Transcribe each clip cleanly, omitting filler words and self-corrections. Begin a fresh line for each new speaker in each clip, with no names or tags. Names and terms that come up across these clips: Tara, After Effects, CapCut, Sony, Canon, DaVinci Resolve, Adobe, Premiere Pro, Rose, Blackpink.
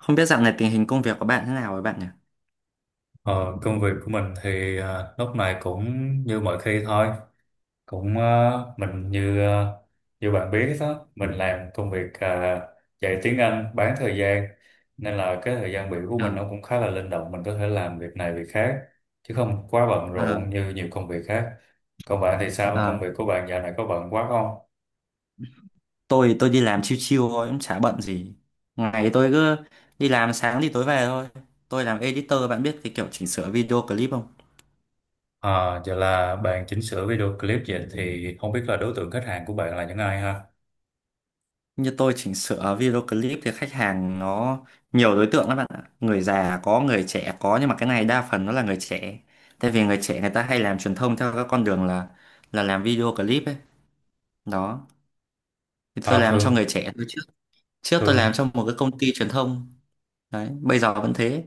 Không biết dạo này tình hình công việc của bạn thế nào rồi bạn nhỉ?
Ờ, Công việc của mình thì lúc này cũng như mọi khi thôi, cũng như bạn biết đó, mình làm công việc dạy tiếng Anh bán thời gian, nên là cái thời gian biểu của
Ờ,
mình nó cũng khá là linh động, mình có thể làm việc này việc khác chứ không quá bận
ờ,
rộn như nhiều công việc khác. Còn bạn thì sao, công
ờ.
việc của bạn dạo này có bận quá không?
Tôi đi làm chill chill thôi, cũng chả bận gì. Ngày tôi cứ đi làm sáng thì tối về thôi. Tôi làm editor, bạn biết cái kiểu chỉnh sửa video clip không?
Giờ là bạn chỉnh sửa video clip, vậy thì không biết là đối tượng khách hàng của bạn là những ai ha?
Như tôi chỉnh sửa video clip thì khách hàng nó nhiều đối tượng lắm bạn ạ. Người già có, người trẻ có, nhưng mà cái này đa phần nó là người trẻ. Tại vì người trẻ người ta hay làm truyền thông theo các con đường là làm video clip ấy. Đó. Thì tôi
À,
làm cho
thường
người trẻ tôi trước. Trước tôi làm
thường
cho một cái công ty truyền thông. Đấy, bây giờ vẫn thế.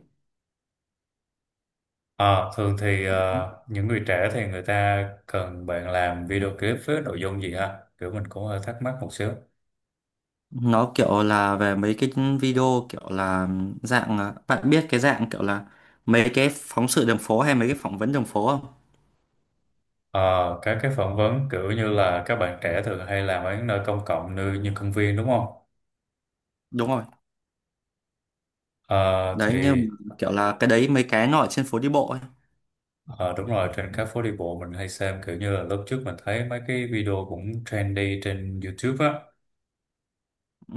Ờ, thường thì những người trẻ thì người ta cần bạn làm video clip với nội dung gì ha? Kiểu mình cũng hơi thắc mắc một xíu.
Nó kiểu là về mấy cái video kiểu là dạng bạn biết cái dạng kiểu là mấy cái phóng sự đường phố hay mấy cái phỏng vấn đường phố không?
Ờ, các cái phỏng vấn kiểu như là các bạn trẻ thường hay làm ở những nơi công cộng như, như công viên đúng không?
Đúng rồi.
Ờ,
Đấy như
thì
kiểu là cái đấy mấy cái nó ở trên phố đi bộ ấy.
ờ, đúng rồi, trên các phố đi bộ mình hay xem, kiểu như là lúc trước mình thấy mấy cái video cũng trendy trên YouTube á.
Ừ.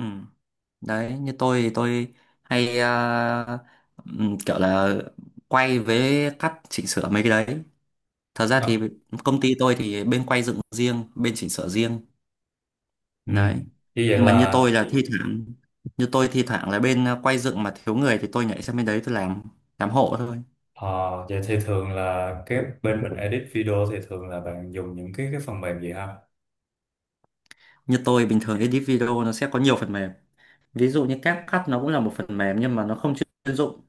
Đấy như tôi thì tôi hay kiểu là quay với cắt chỉnh sửa mấy cái đấy. Thật ra thì
Ờ,
công ty tôi thì bên quay dựng riêng, bên chỉnh sửa riêng.
ừ.
Đấy,
Như vậy
nhưng mà như
là
tôi là ừ, thi thoảng, như tôi thi thoảng là bên quay dựng mà thiếu người thì tôi nhảy sang bên đấy tôi làm hộ thôi.
ờ, vậy thì thường là cái bên mình edit video thì thường là bạn dùng những cái phần mềm gì ha?
Như tôi bình thường edit video nó sẽ có nhiều phần mềm, ví dụ như CapCut nó cũng là một phần mềm nhưng mà nó không chuyên dụng.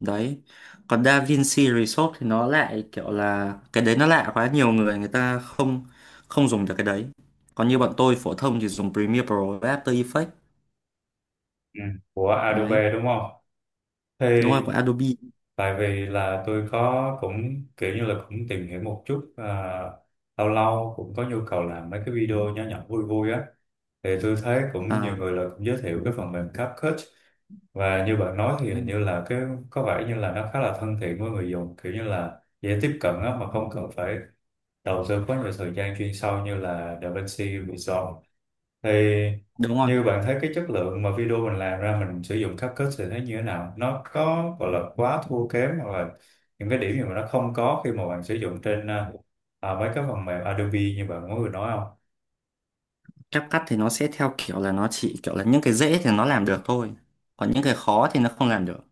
Đấy, còn DaVinci Resolve thì nó lại kiểu là cái đấy nó lạ quá, nhiều người người ta không không dùng được cái đấy. Còn như bọn tôi phổ thông thì dùng Premiere Pro và After Effects.
Ừ, của
Đấy,
Adobe đúng không? Thì
đúng rồi, của Adobe.
tại vì là tôi có cũng kiểu như là cũng tìm hiểu một chút, lâu lâu cũng có nhu cầu làm mấy cái video nhỏ nhỏ vui vui á, thì tôi thấy cũng nhiều
À,
người là cũng giới thiệu cái phần mềm CapCut. Và như bạn nói thì
ừ,
hình như là cái có vẻ như là nó khá là thân thiện với người dùng, kiểu như là dễ tiếp cận á, mà không cần phải đầu tư quá nhiều thời gian chuyên sâu như là DaVinci Resolve. Thì
đúng rồi.
như bạn thấy cái chất lượng mà video mình làm ra mình sử dụng CapCut thì thấy như thế nào, nó có gọi là quá thua kém hoặc là những cái điểm gì mà nó không có khi mà bạn sử dụng trên mấy cái phần mềm Adobe như bạn mới vừa nói không?
Ép cắt thì nó sẽ theo kiểu là nó chỉ kiểu là những cái dễ thì nó làm được thôi, còn những cái khó thì nó không làm được.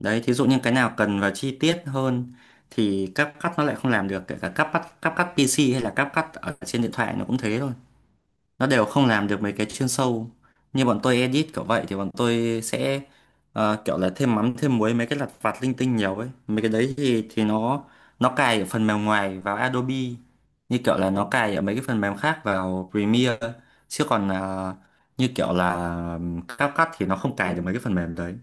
Đấy, thí dụ như cái nào cần vào chi tiết hơn thì cáp cắt nó lại không làm được, kể cả cáp cắt PC hay là cáp cắt ở trên điện thoại nó cũng thế thôi, nó đều không làm được mấy cái chuyên sâu. Như bọn tôi edit kiểu vậy thì bọn tôi sẽ kiểu là thêm mắm thêm muối mấy cái lặt vặt linh tinh nhiều ấy, mấy cái đấy thì nó cài ở phần mềm ngoài vào Adobe, như kiểu là nó cài ở mấy cái phần mềm khác vào Premiere, chứ còn như kiểu là CapCut thì nó không cài được mấy cái phần mềm đấy.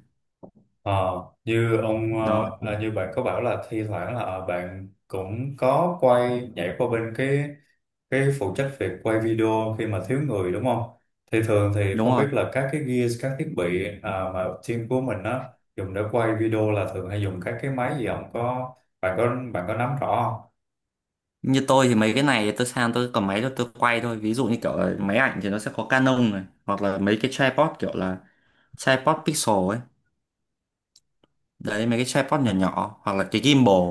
Ờ, như ông ờ,
Nó
à, như bạn có bảo là thi thoảng là bạn cũng có quay nhảy qua bên cái phụ trách việc quay video khi mà thiếu người đúng không? Thì thường thì
đúng
không biết
rồi.
là các cái gear, các thiết bị mà team của mình á dùng để quay video là thường hay dùng các cái máy gì không? Có bạn có bạn có nắm rõ không?
Như tôi thì mấy cái này tôi sang tôi cầm máy tôi quay thôi, ví dụ như kiểu là máy ảnh thì nó sẽ có Canon này, hoặc là mấy cái tripod kiểu là tripod pixel ấy. Đấy, mấy cái tripod nhỏ nhỏ, hoặc là cái gimbal.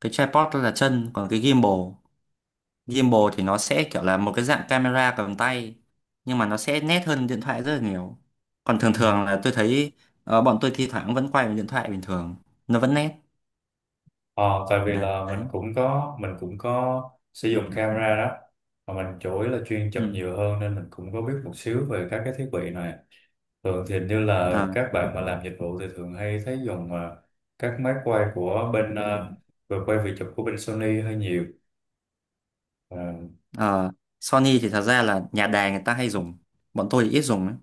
Cái tripod đó là chân, còn cái gimbal, gimbal thì nó sẽ kiểu là một cái dạng camera cầm tay, nhưng mà nó sẽ nét hơn điện thoại rất là nhiều. Còn thường
Ừ.
thường là tôi thấy bọn tôi thi thoảng vẫn quay bằng điện thoại bình thường, nó vẫn nét.
Ờ, tại vì là mình
Đấy.
cũng có mình cũng có sử dụng camera đó, mà mình chủ yếu là chuyên chụp
Ừ.
nhiều hơn nên mình cũng có biết một xíu về các cái thiết bị này. Thường thì hình như là
Ờ,
các bạn mà làm dịch vụ thì thường hay thấy dùng, các máy quay của bên về quay video chụp của bên Sony hơi nhiều. À,
ờ. Sony thì thật ra là nhà đài người ta hay dùng, bọn tôi thì ít dùng ấy.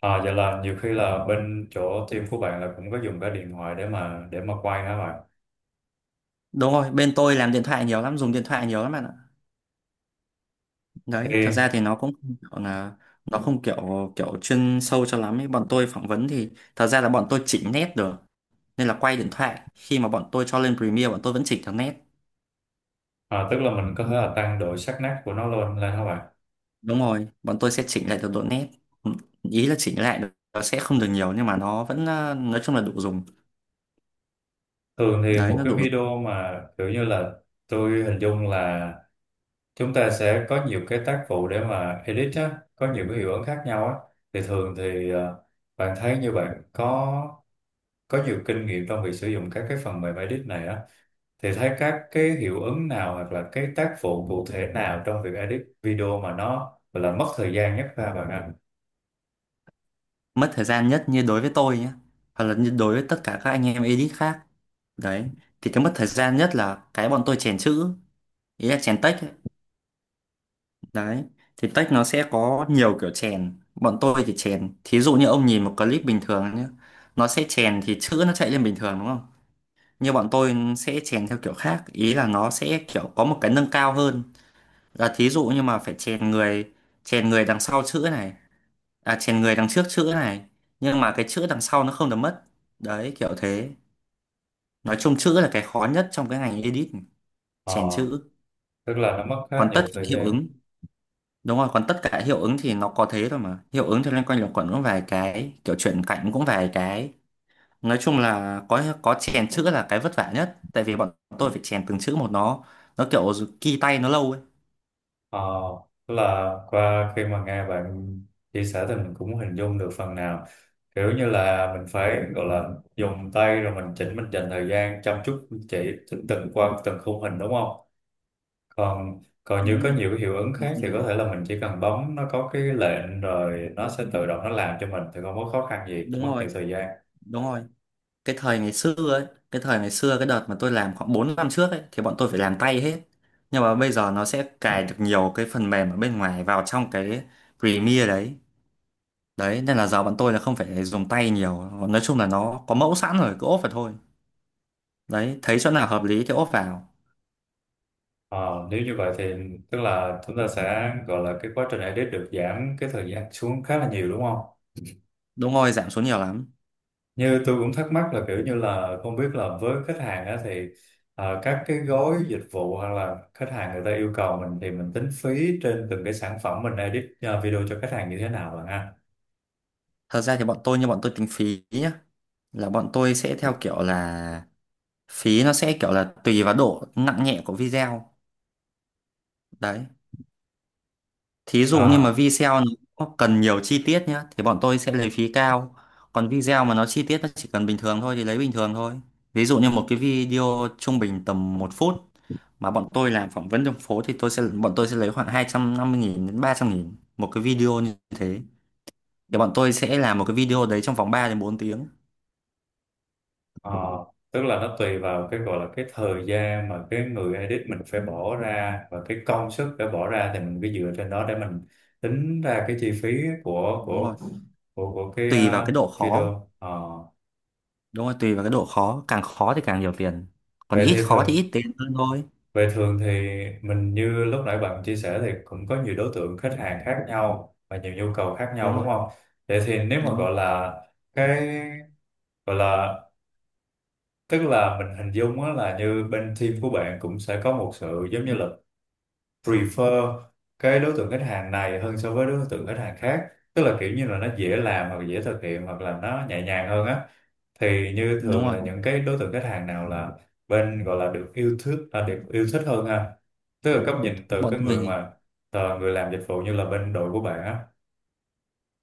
à, vậy là nhiều khi là bên chỗ team của bạn là cũng có dùng cái điện thoại để mà quay hả bạn?
Đúng rồi, bên tôi làm điện thoại nhiều lắm, dùng điện thoại nhiều lắm bạn ạ. Đấy, thật
Thì
ra thì nó cũng không kiểu là nó không kiểu kiểu chuyên sâu cho lắm ấy. Bọn tôi phỏng vấn thì thật ra là bọn tôi chỉnh nét được, nên là quay điện thoại khi mà bọn tôi cho lên Premiere bọn tôi vẫn chỉnh được nét.
tức là mình có thể là tăng độ sắc nét của nó lên lên hả bạn?
Đúng rồi, bọn tôi sẽ chỉnh lại được độ nét. Ừ, ý là chỉnh lại được, nó sẽ không được nhiều nhưng mà nó vẫn nói chung là đủ dùng.
Thường thì
Đấy,
một
nó
cái
đủ.
video mà kiểu như là tôi hình dung là chúng ta sẽ có nhiều cái tác vụ để mà edit á, có nhiều cái hiệu ứng khác nhau á. Thì thường thì bạn thấy như bạn có nhiều kinh nghiệm trong việc sử dụng các cái phần mềm edit này á, thì thấy các cái hiệu ứng nào hoặc là cái tác vụ cụ thể nào trong việc edit video mà nó gọi là mất thời gian nhất ra bạn ạ?
Mất thời gian nhất như đối với tôi nhé, hoặc là như đối với tất cả các anh em edit khác. Đấy, thì cái mất thời gian nhất là cái bọn tôi chèn chữ, ý là chèn text ấy. Đấy, thì tech nó sẽ có nhiều kiểu chèn. Bọn tôi thì chèn. Thí dụ như ông nhìn một clip bình thường nhé. Nó sẽ chèn thì chữ nó chạy lên bình thường đúng không? Như bọn tôi sẽ chèn theo kiểu khác. Ý là nó sẽ kiểu có một cái nâng cao hơn. Là thí dụ như mà phải chèn người đằng sau chữ này. À, chèn người đằng trước chữ này. Nhưng mà cái chữ đằng sau nó không được mất. Đấy, kiểu thế. Nói chung chữ là cái khó nhất trong cái ngành edit. Chèn
Ờ,
chữ.
tức là nó mất khá
Còn tất
nhiều
cả
thời
hiệu
gian.
ứng. Đúng rồi, còn tất cả hiệu ứng thì nó có thế thôi mà. Hiệu ứng thì loanh quanh luẩn quẩn cũng vài cái, kiểu chuyển cảnh cũng vài cái. Nói chung là có chèn chữ là cái vất vả nhất, tại vì bọn tôi phải chèn từng chữ một, nó kiểu ghi tay nó lâu ấy.
Ờ, tức là qua khi mà nghe bạn chia sẻ thì mình cũng hình dung được phần nào, kiểu như là mình phải gọi là dùng tay rồi mình chỉnh, mình dành thời gian chăm chút chỉ từng từng qua từng khung hình đúng không? Còn còn như
Đúng
có
rồi,
nhiều hiệu ứng
không
khác
không
thì
phải.
có thể là mình chỉ cần bấm nó có cái lệnh rồi nó sẽ tự động nó làm cho mình, thì không có khó khăn gì, không
Đúng
mất nhiều
rồi,
thời gian.
đúng rồi. Cái thời ngày xưa ấy, cái thời ngày xưa cái đợt mà tôi làm khoảng 4 năm trước ấy thì bọn tôi phải làm tay hết. Nhưng mà bây giờ nó sẽ cài được nhiều cái phần mềm ở bên ngoài vào trong cái Premiere đấy. Đấy, nên là giáo bọn tôi là không phải dùng tay nhiều, nói chung là nó có mẫu sẵn rồi cứ ốp vào thôi. Đấy, thấy chỗ nào hợp lý thì ốp vào.
Ờ, nếu như vậy thì tức là chúng ta sẽ gọi là cái quá trình edit được giảm cái thời gian xuống khá là nhiều đúng không?
Đúng rồi, giảm xuống nhiều lắm.
Như tôi cũng thắc mắc là kiểu như là không biết là với khách hàng á thì các cái gói dịch vụ hoặc là khách hàng người ta yêu cầu mình, thì mình tính phí trên từng cái sản phẩm mình edit video cho khách hàng như thế nào bạn ha?
Thật ra thì bọn tôi, như bọn tôi tính phí nhá, là bọn tôi sẽ theo kiểu là phí nó sẽ kiểu là tùy vào độ nặng nhẹ của video. Đấy. Thí dụ như mà
À,
video nó cần nhiều chi tiết nhá thì bọn tôi sẽ lấy phí cao. Còn video mà nó chi tiết nó chỉ cần bình thường thôi thì lấy bình thường thôi. Ví dụ như một cái video trung bình tầm 1 phút mà bọn tôi làm phỏng vấn trong phố thì tôi sẽ bọn tôi sẽ lấy khoảng 250.000 đến 300.000 một cái video như thế. Thì bọn tôi sẽ làm một cái video đấy trong vòng 3 đến 4 tiếng.
Ờ, tức là nó tùy vào cái gọi là cái thời gian mà cái người edit mình phải bỏ ra và cái công sức phải bỏ ra, thì mình cứ dựa trên đó để mình tính ra cái chi phí của
Đúng
của
rồi.
của cái
Tùy vào cái độ khó.
video. Ờ,
Đúng rồi, tùy vào cái độ khó, càng khó thì càng nhiều tiền. Còn
vậy
ít
thì
khó thì
thường,
ít tiền hơn thôi.
vậy thường thì mình như lúc nãy bạn chia sẻ thì cũng có nhiều đối tượng khách hàng khác nhau và nhiều nhu cầu khác nhau
Đúng
đúng
rồi.
không? Vậy thì nếu mà
Đúng rồi.
gọi là cái gọi là tức là mình hình dung á là như bên team của bạn cũng sẽ có một sự giống như là prefer cái đối tượng khách hàng này hơn so với đối tượng khách hàng khác, tức là kiểu như là nó dễ làm hoặc dễ thực hiện hoặc là nó nhẹ nhàng hơn á, thì như
Đúng
thường
rồi.
là những cái đối tượng khách hàng nào là bên gọi là được yêu thích hơn ha? Tức là góc nhìn từ
Bọn
cái
tôi
người
thì
mà người làm dịch vụ như là bên đội của bạn á.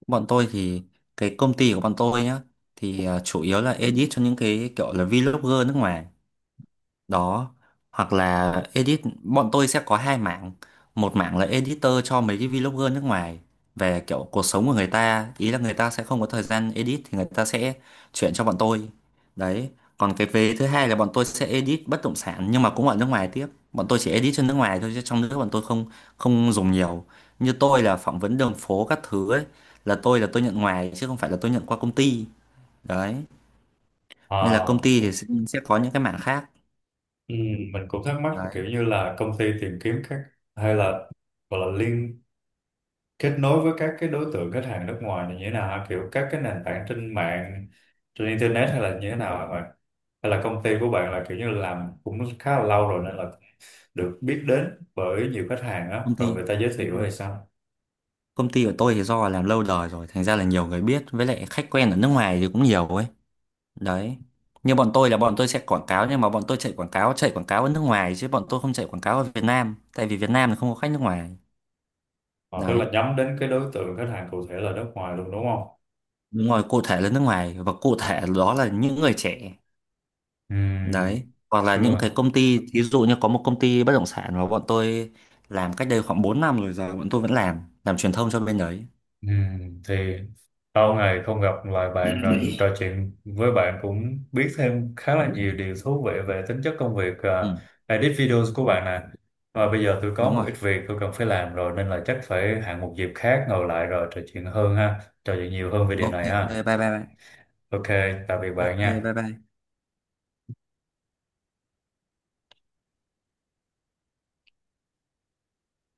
bọn tôi thì cái công ty của bọn tôi nhá thì chủ yếu là edit cho những cái kiểu là vlogger nước ngoài đó, hoặc là edit bọn tôi sẽ có hai mảng. Một mảng là editor cho mấy cái vlogger nước ngoài về kiểu cuộc sống của người ta, ý là người ta sẽ không có thời gian edit thì người ta sẽ chuyển cho bọn tôi. Đấy, còn cái vế thứ hai là bọn tôi sẽ edit bất động sản nhưng mà cũng ở nước ngoài tiếp. Bọn tôi chỉ edit cho nước ngoài thôi chứ trong nước bọn tôi không không dùng nhiều. Như tôi là phỏng vấn đường phố các thứ ấy, là tôi nhận ngoài chứ không phải là tôi nhận qua công ty. Đấy, nên là công
Ờ,
ty thì sẽ có những cái mảng khác.
ừ, mình cũng thắc mắc là kiểu như là công ty tìm kiếm các hay là gọi là kết nối với các cái đối tượng khách hàng nước ngoài này như thế nào hả? Kiểu các cái nền tảng trên mạng, trên internet hay là như thế nào hả bạn? Hay là công ty của bạn là kiểu như làm cũng khá là lâu rồi nên là được biết đến bởi nhiều khách hàng á
Công
rồi
ty
người ta giới
đúng
thiệu
không?
hay sao?
Công ty của tôi thì do làm lâu đời rồi thành ra là nhiều người biết, với lại khách quen ở nước ngoài thì cũng nhiều ấy. Đấy, như bọn tôi là bọn tôi sẽ quảng cáo, nhưng mà bọn tôi chạy quảng cáo ở nước ngoài chứ bọn tôi không chạy quảng cáo ở Việt Nam, tại vì Việt Nam thì không có khách nước ngoài.
Ờ, tức
Đấy,
là nhắm đến cái đối tượng khách hàng cụ thể là nước ngoài luôn đúng không?
đúng rồi, cụ thể là nước ngoài và cụ thể đó là những người trẻ.
Ừ,
Đấy, hoặc là những
xưa.
cái công ty, ví dụ như có một công ty bất động sản mà bọn tôi làm cách đây khoảng 4 năm rồi, giờ bọn tôi vẫn làm truyền thông cho bên đấy.
Ừ, thì lâu ngày không gặp, lại bạn rồi trò chuyện với bạn cũng biết thêm khá là nhiều điều thú vị về tính chất công việc
Ừ,
edit videos của bạn nè. Và bây giờ tôi có
đúng
một
rồi.
ít việc tôi cần phải làm rồi, nên là chắc phải hẹn một dịp khác ngồi lại rồi trò chuyện hơn ha, trò chuyện nhiều hơn về điều
Ok,
này ha.
bye bye bye.
Ok, tạm biệt
Ok,
bạn nha.
bye bye.